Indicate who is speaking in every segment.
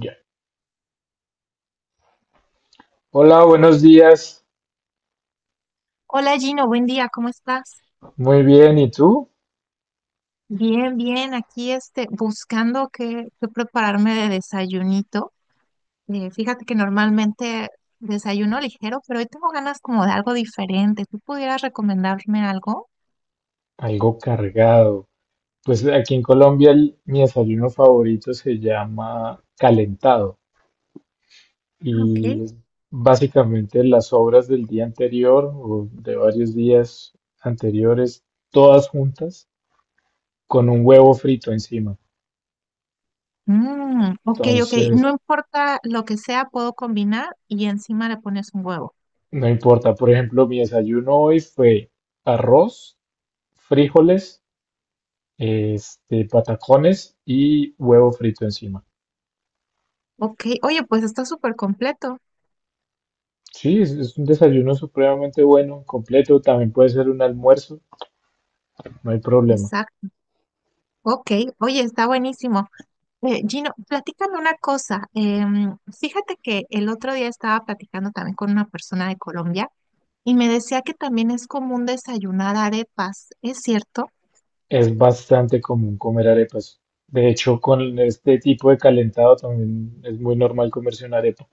Speaker 1: Ya. Hola, buenos días.
Speaker 2: Hola Gino, buen día, ¿cómo estás?
Speaker 1: Muy bien, ¿y tú?
Speaker 2: Bien, bien, aquí este, buscando qué prepararme de desayunito. Fíjate que normalmente desayuno ligero, pero hoy tengo ganas como de algo diferente. ¿Tú pudieras recomendarme algo?
Speaker 1: Algo cargado. Pues aquí en Colombia mi desayuno favorito se llama calentado
Speaker 2: Ah,
Speaker 1: y
Speaker 2: ok.
Speaker 1: es básicamente las sobras del día anterior o de varios días anteriores, todas juntas, con un huevo frito encima.
Speaker 2: Mm, ok, ok,
Speaker 1: Entonces,
Speaker 2: no importa lo que sea, puedo combinar y encima le pones un huevo.
Speaker 1: no importa. Por ejemplo, mi desayuno hoy fue arroz, frijoles, patacones y huevo frito encima.
Speaker 2: Ok, oye, pues está súper completo.
Speaker 1: Sí, es un desayuno supremamente bueno, completo, también puede ser un almuerzo, no hay problema.
Speaker 2: Exacto. Ok, oye, está buenísimo. Gino, platícame una cosa. Fíjate que el otro día estaba platicando también con una persona de Colombia y me decía que también es común desayunar arepas. ¿Es cierto?
Speaker 1: Es bastante común comer arepas. De hecho, con este tipo de calentado también es muy normal comerse una arepa.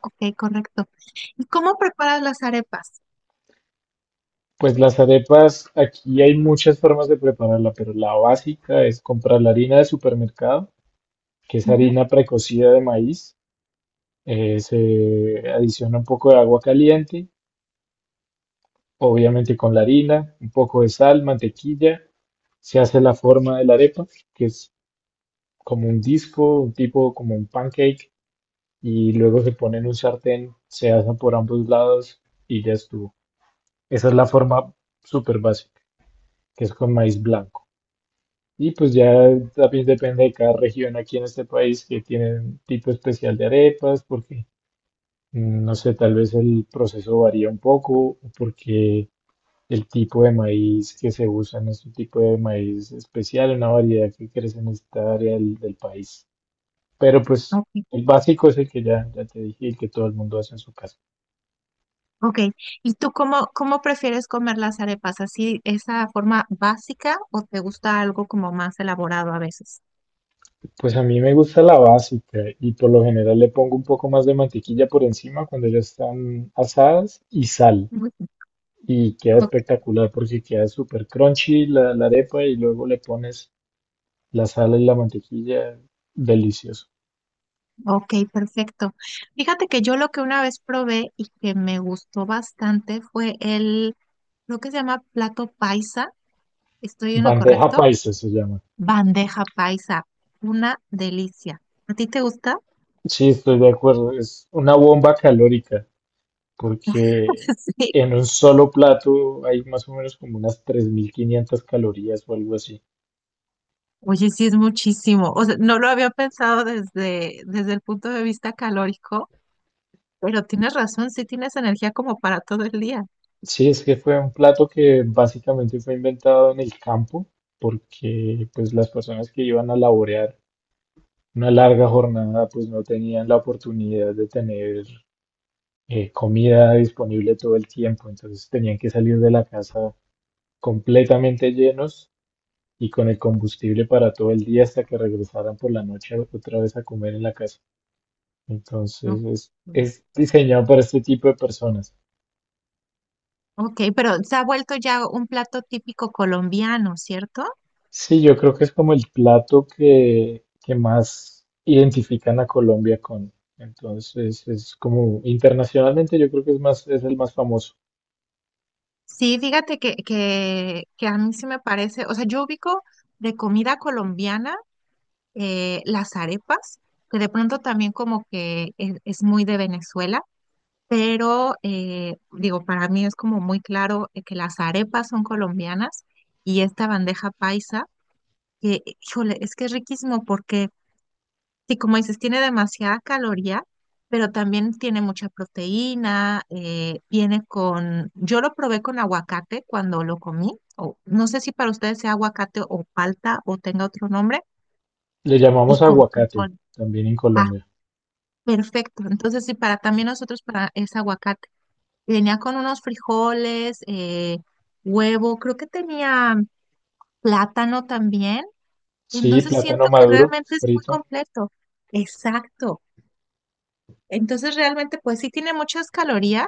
Speaker 2: Ok, correcto. ¿Y cómo preparas las arepas?
Speaker 1: Pues las arepas, aquí hay muchas formas de prepararla, pero la básica es comprar la harina de supermercado, que es
Speaker 2: Ujú.
Speaker 1: harina precocida de maíz. Se adiciona un poco de agua caliente, obviamente con la harina, un poco de sal, mantequilla, se hace la forma de la arepa, que es como un disco, tipo como un pancake, y luego se pone en un sartén, se asa por ambos lados y ya estuvo. Esa es la forma súper básica, que es con maíz blanco. Y pues ya también depende de cada región aquí en este país que tiene un tipo especial de arepas, porque no sé, tal vez el proceso varía un poco, o porque el tipo de maíz que se usa en este tipo de maíz especial, una variedad que crece en esta área del país. Pero pues
Speaker 2: Ok,
Speaker 1: el básico es el que ya te dije, el que todo el mundo hace en su casa.
Speaker 2: ok. ¿Y tú cómo prefieres comer las arepas? ¿Así, esa forma básica o te gusta algo como más elaborado a veces?
Speaker 1: Pues a mí me gusta la básica y por lo general le pongo un poco más de mantequilla por encima cuando ya están asadas y sal.
Speaker 2: Ujú.
Speaker 1: Y queda
Speaker 2: Ok.
Speaker 1: espectacular porque queda súper crunchy la arepa y luego le pones la sal y la mantequilla. Delicioso.
Speaker 2: Ok, perfecto. Fíjate que yo lo que una vez probé y que me gustó bastante fue el, lo que se llama plato paisa. ¿Estoy en lo
Speaker 1: Bandeja
Speaker 2: correcto?
Speaker 1: paisa se llama.
Speaker 2: Bandeja paisa. Una delicia. ¿A ti te gusta?
Speaker 1: Sí, estoy de acuerdo. Es una bomba calórica, porque
Speaker 2: Sí.
Speaker 1: en un solo plato hay más o menos como unas 3.500 calorías o algo así.
Speaker 2: Oye, sí es muchísimo. O sea, no lo había pensado desde el punto de vista calórico, pero tienes razón, sí tienes energía como para todo el día.
Speaker 1: Sí, es que fue un plato que básicamente fue inventado en el campo, porque pues las personas que iban a laborear una larga jornada pues no tenían la oportunidad de tener comida disponible todo el tiempo, entonces tenían que salir de la casa completamente llenos y con el combustible para todo el día hasta que regresaran por la noche otra vez a comer en la casa.
Speaker 2: Ok.
Speaker 1: Entonces es diseñado para este tipo de personas.
Speaker 2: Ok, pero se ha vuelto ya un plato típico colombiano, ¿cierto?
Speaker 1: Sí, yo creo que es como el plato que más identifican a Colombia con. Entonces es como internacionalmente yo creo que es es el más famoso.
Speaker 2: Sí, fíjate que a mí sí me parece, o sea, yo ubico de comida colombiana las arepas, que de pronto también como que es muy de Venezuela, pero digo, para mí es como muy claro que las arepas son colombianas y esta bandeja paisa, que, híjole, es que es riquísimo porque sí, como dices, tiene demasiada caloría, pero también tiene mucha proteína, viene con, yo lo probé con aguacate cuando lo comí, o no sé si para ustedes sea aguacate o palta o tenga otro nombre,
Speaker 1: Le
Speaker 2: y
Speaker 1: llamamos
Speaker 2: con
Speaker 1: aguacate
Speaker 2: frijol.
Speaker 1: también en
Speaker 2: Ah,
Speaker 1: Colombia.
Speaker 2: perfecto. Entonces sí, para también nosotros para es aguacate. Y venía con unos frijoles, huevo, creo que tenía plátano también.
Speaker 1: Sí,
Speaker 2: Entonces
Speaker 1: plátano
Speaker 2: siento que
Speaker 1: maduro,
Speaker 2: realmente es muy
Speaker 1: frito.
Speaker 2: completo. Exacto. Entonces realmente pues sí tiene muchas calorías,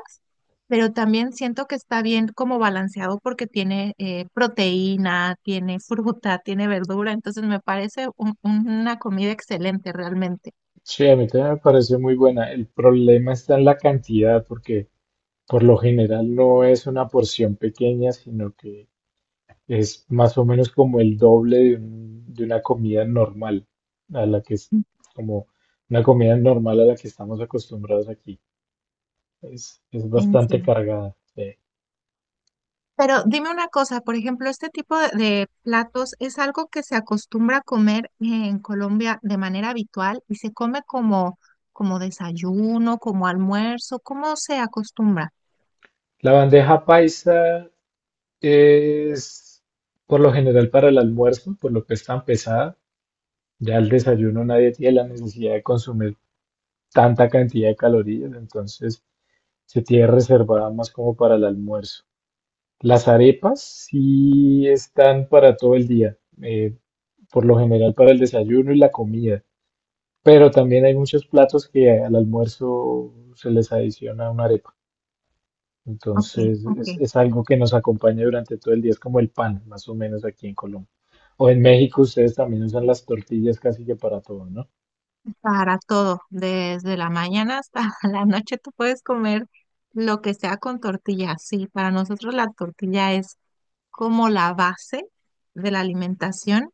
Speaker 2: pero también siento que está bien como balanceado porque tiene proteína, tiene fruta, tiene verdura, entonces me parece una comida excelente realmente.
Speaker 1: Sí, a mí también me parece muy buena. El problema está en la cantidad, porque por lo general no es una porción pequeña, sino que es más o menos como el doble de una comida normal, a la que es como una comida normal a la que estamos acostumbrados aquí. Es bastante
Speaker 2: Entiendo.
Speaker 1: cargada, sí.
Speaker 2: Pero dime una cosa, por ejemplo, este tipo de platos es algo que se acostumbra a comer en Colombia de manera habitual y se come como, como desayuno, como almuerzo, ¿cómo se acostumbra?
Speaker 1: La bandeja paisa es por lo general para el almuerzo, por lo que es tan pesada. Ya al desayuno nadie tiene la necesidad de consumir tanta cantidad de calorías, entonces se tiene reservada más como para el almuerzo. Las arepas sí están para todo el día. Por lo general para el desayuno y la comida. Pero también hay muchos platos que al almuerzo se les adiciona una arepa.
Speaker 2: Ok,
Speaker 1: Entonces
Speaker 2: ok.
Speaker 1: es algo que nos acompaña durante todo el día, es como el pan, más o menos aquí en Colombia. ¿O en México ustedes también usan las tortillas casi que para todo, no?
Speaker 2: Para todo, desde la mañana hasta la noche tú puedes comer lo que sea con tortilla. Sí, para nosotros la tortilla es como la base de la alimentación.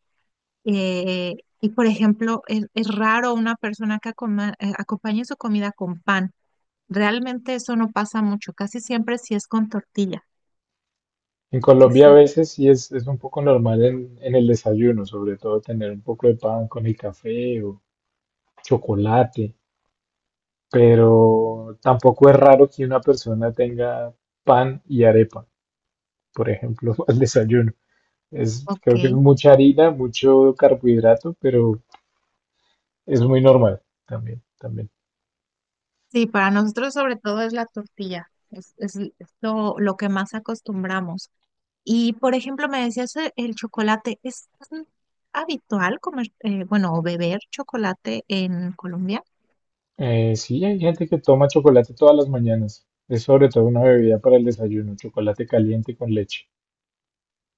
Speaker 2: eh, y por ejemplo, es raro una persona que acompañe su comida con pan. Realmente eso no pasa mucho, casi siempre sí es con tortilla.
Speaker 1: En Colombia a
Speaker 2: Exacto.
Speaker 1: veces sí es un poco normal en el desayuno, sobre todo tener un poco de pan con el café o chocolate, pero tampoco es raro que una persona tenga pan y arepa, por ejemplo, al desayuno. Es,
Speaker 2: Ok.
Speaker 1: creo que es mucha harina, mucho carbohidrato, pero es muy normal también, también.
Speaker 2: Sí, para nosotros sobre todo es la tortilla. Es lo que más acostumbramos. Y, por ejemplo, me decías el chocolate, ¿es habitual comer, bueno, o beber chocolate en Colombia?
Speaker 1: Sí, hay gente que toma chocolate todas las mañanas. Es sobre todo una bebida para el desayuno, chocolate caliente con leche.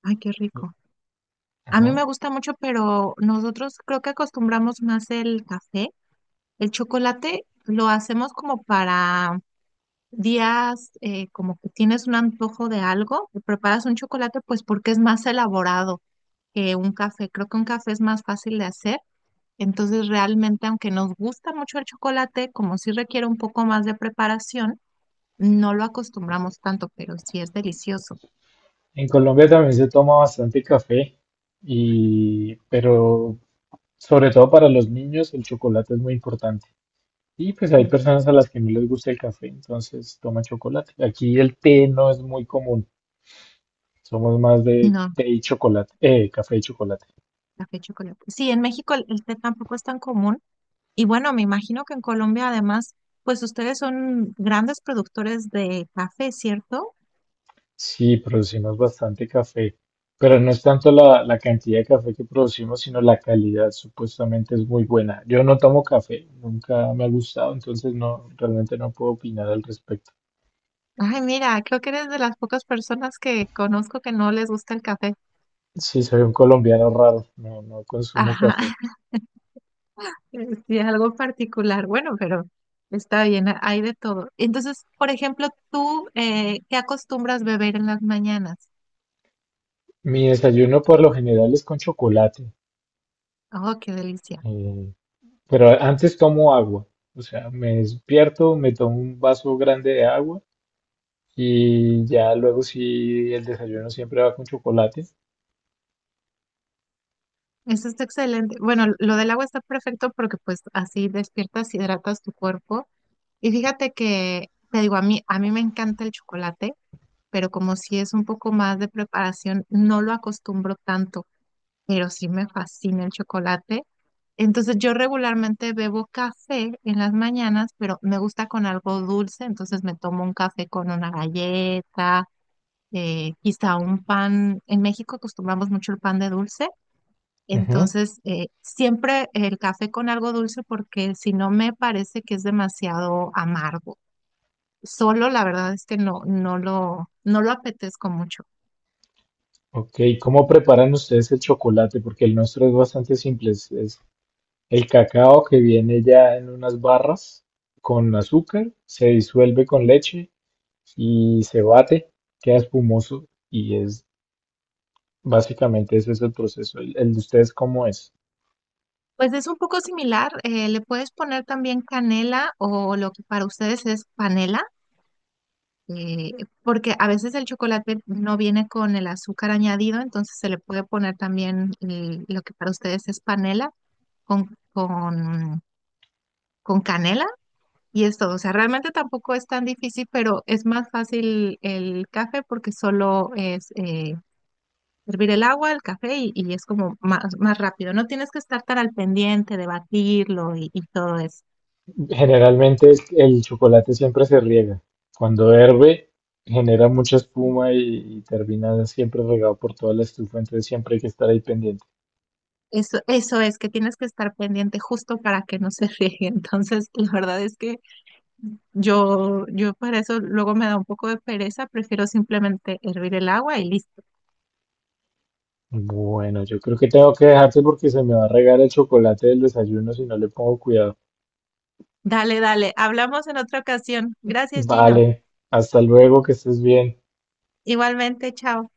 Speaker 2: Ay, qué rico. A mí
Speaker 1: Ajá.
Speaker 2: me gusta mucho, pero nosotros creo que acostumbramos más el café. El chocolate lo hacemos como para días, como que tienes un antojo de algo, te preparas un chocolate, pues porque es más elaborado que un café. Creo que un café es más fácil de hacer. Entonces, realmente, aunque nos gusta mucho el chocolate, como sí requiere un poco más de preparación, no lo acostumbramos tanto, pero sí es delicioso.
Speaker 1: En Colombia también se toma bastante café pero sobre todo para los niños el chocolate es muy importante. Y pues hay
Speaker 2: Mm.
Speaker 1: personas a las que no les gusta el café, entonces toman chocolate. Aquí el té no es muy común. Somos más de
Speaker 2: No,
Speaker 1: té y chocolate, café y chocolate.
Speaker 2: café chocolate. Sí, en México el té tampoco es tan común. Y bueno, me imagino que en Colombia, además, pues ustedes son grandes productores de café, ¿cierto?
Speaker 1: Sí, producimos bastante café, pero no es tanto la cantidad de café que producimos, sino la calidad, supuestamente es muy buena. Yo no tomo café, nunca me ha gustado, entonces no, realmente no puedo opinar al respecto.
Speaker 2: Ay, mira, creo que eres de las pocas personas que conozco que no les gusta el café.
Speaker 1: Sí, soy un colombiano raro, no, no consumo
Speaker 2: Ajá.
Speaker 1: café.
Speaker 2: Sí, es algo particular, bueno, pero está bien, hay de todo. Entonces, por ejemplo, tú, ¿qué acostumbras beber en las mañanas?
Speaker 1: Mi desayuno por lo general es con chocolate,
Speaker 2: Oh, qué delicia.
Speaker 1: eh, pero antes tomo agua, o sea, me despierto, me tomo un vaso grande de agua. Y ya luego sí, el desayuno siempre va con chocolate.
Speaker 2: Eso está excelente. Bueno, lo del agua está perfecto porque pues así despiertas, hidratas tu cuerpo. Y fíjate que, te digo, a mí me encanta el chocolate, pero como si es un poco más de preparación, no lo acostumbro tanto. Pero sí me fascina el chocolate. Entonces yo regularmente bebo café en las mañanas, pero me gusta con algo dulce, entonces me tomo un café con una galleta, quizá un pan. En México acostumbramos mucho el pan de dulce,
Speaker 1: Ujú.
Speaker 2: entonces siempre el café con algo dulce porque si no me parece que es demasiado amargo. Solo la verdad es que no, no lo apetezco mucho.
Speaker 1: Ok, ¿cómo preparan ustedes el chocolate? Porque el nuestro es bastante simple. Es el cacao que viene ya en unas barras con azúcar, se disuelve con leche y se bate, queda espumoso y es básicamente ese es el proceso. El de ustedes cómo es?
Speaker 2: Pues es un poco similar, le puedes poner también canela o lo que para ustedes es panela, eh, porque a veces el chocolate no viene con el azúcar añadido, entonces se le puede poner también lo que para ustedes es panela con, con, con canela y es todo. O sea, realmente tampoco es tan difícil, pero es más fácil el café porque solo es hervir el agua, el café y es como más rápido. No tienes que estar tan al pendiente de batirlo y todo eso.
Speaker 1: Generalmente el chocolate siempre se riega. Cuando hierve, genera mucha espuma y termina siempre regado por toda la estufa, entonces siempre hay que estar ahí pendiente.
Speaker 2: Eso es que tienes que estar pendiente justo para que no se riegue. Entonces, la verdad es que yo para eso luego me da un poco de pereza, prefiero simplemente hervir el agua y listo.
Speaker 1: Bueno, yo creo que tengo que dejarte porque se me va a regar el chocolate del desayuno si no le pongo cuidado.
Speaker 2: Dale, dale, hablamos en otra ocasión. Gracias, Gino.
Speaker 1: Vale, hasta luego, que estés bien.
Speaker 2: Igualmente, chao.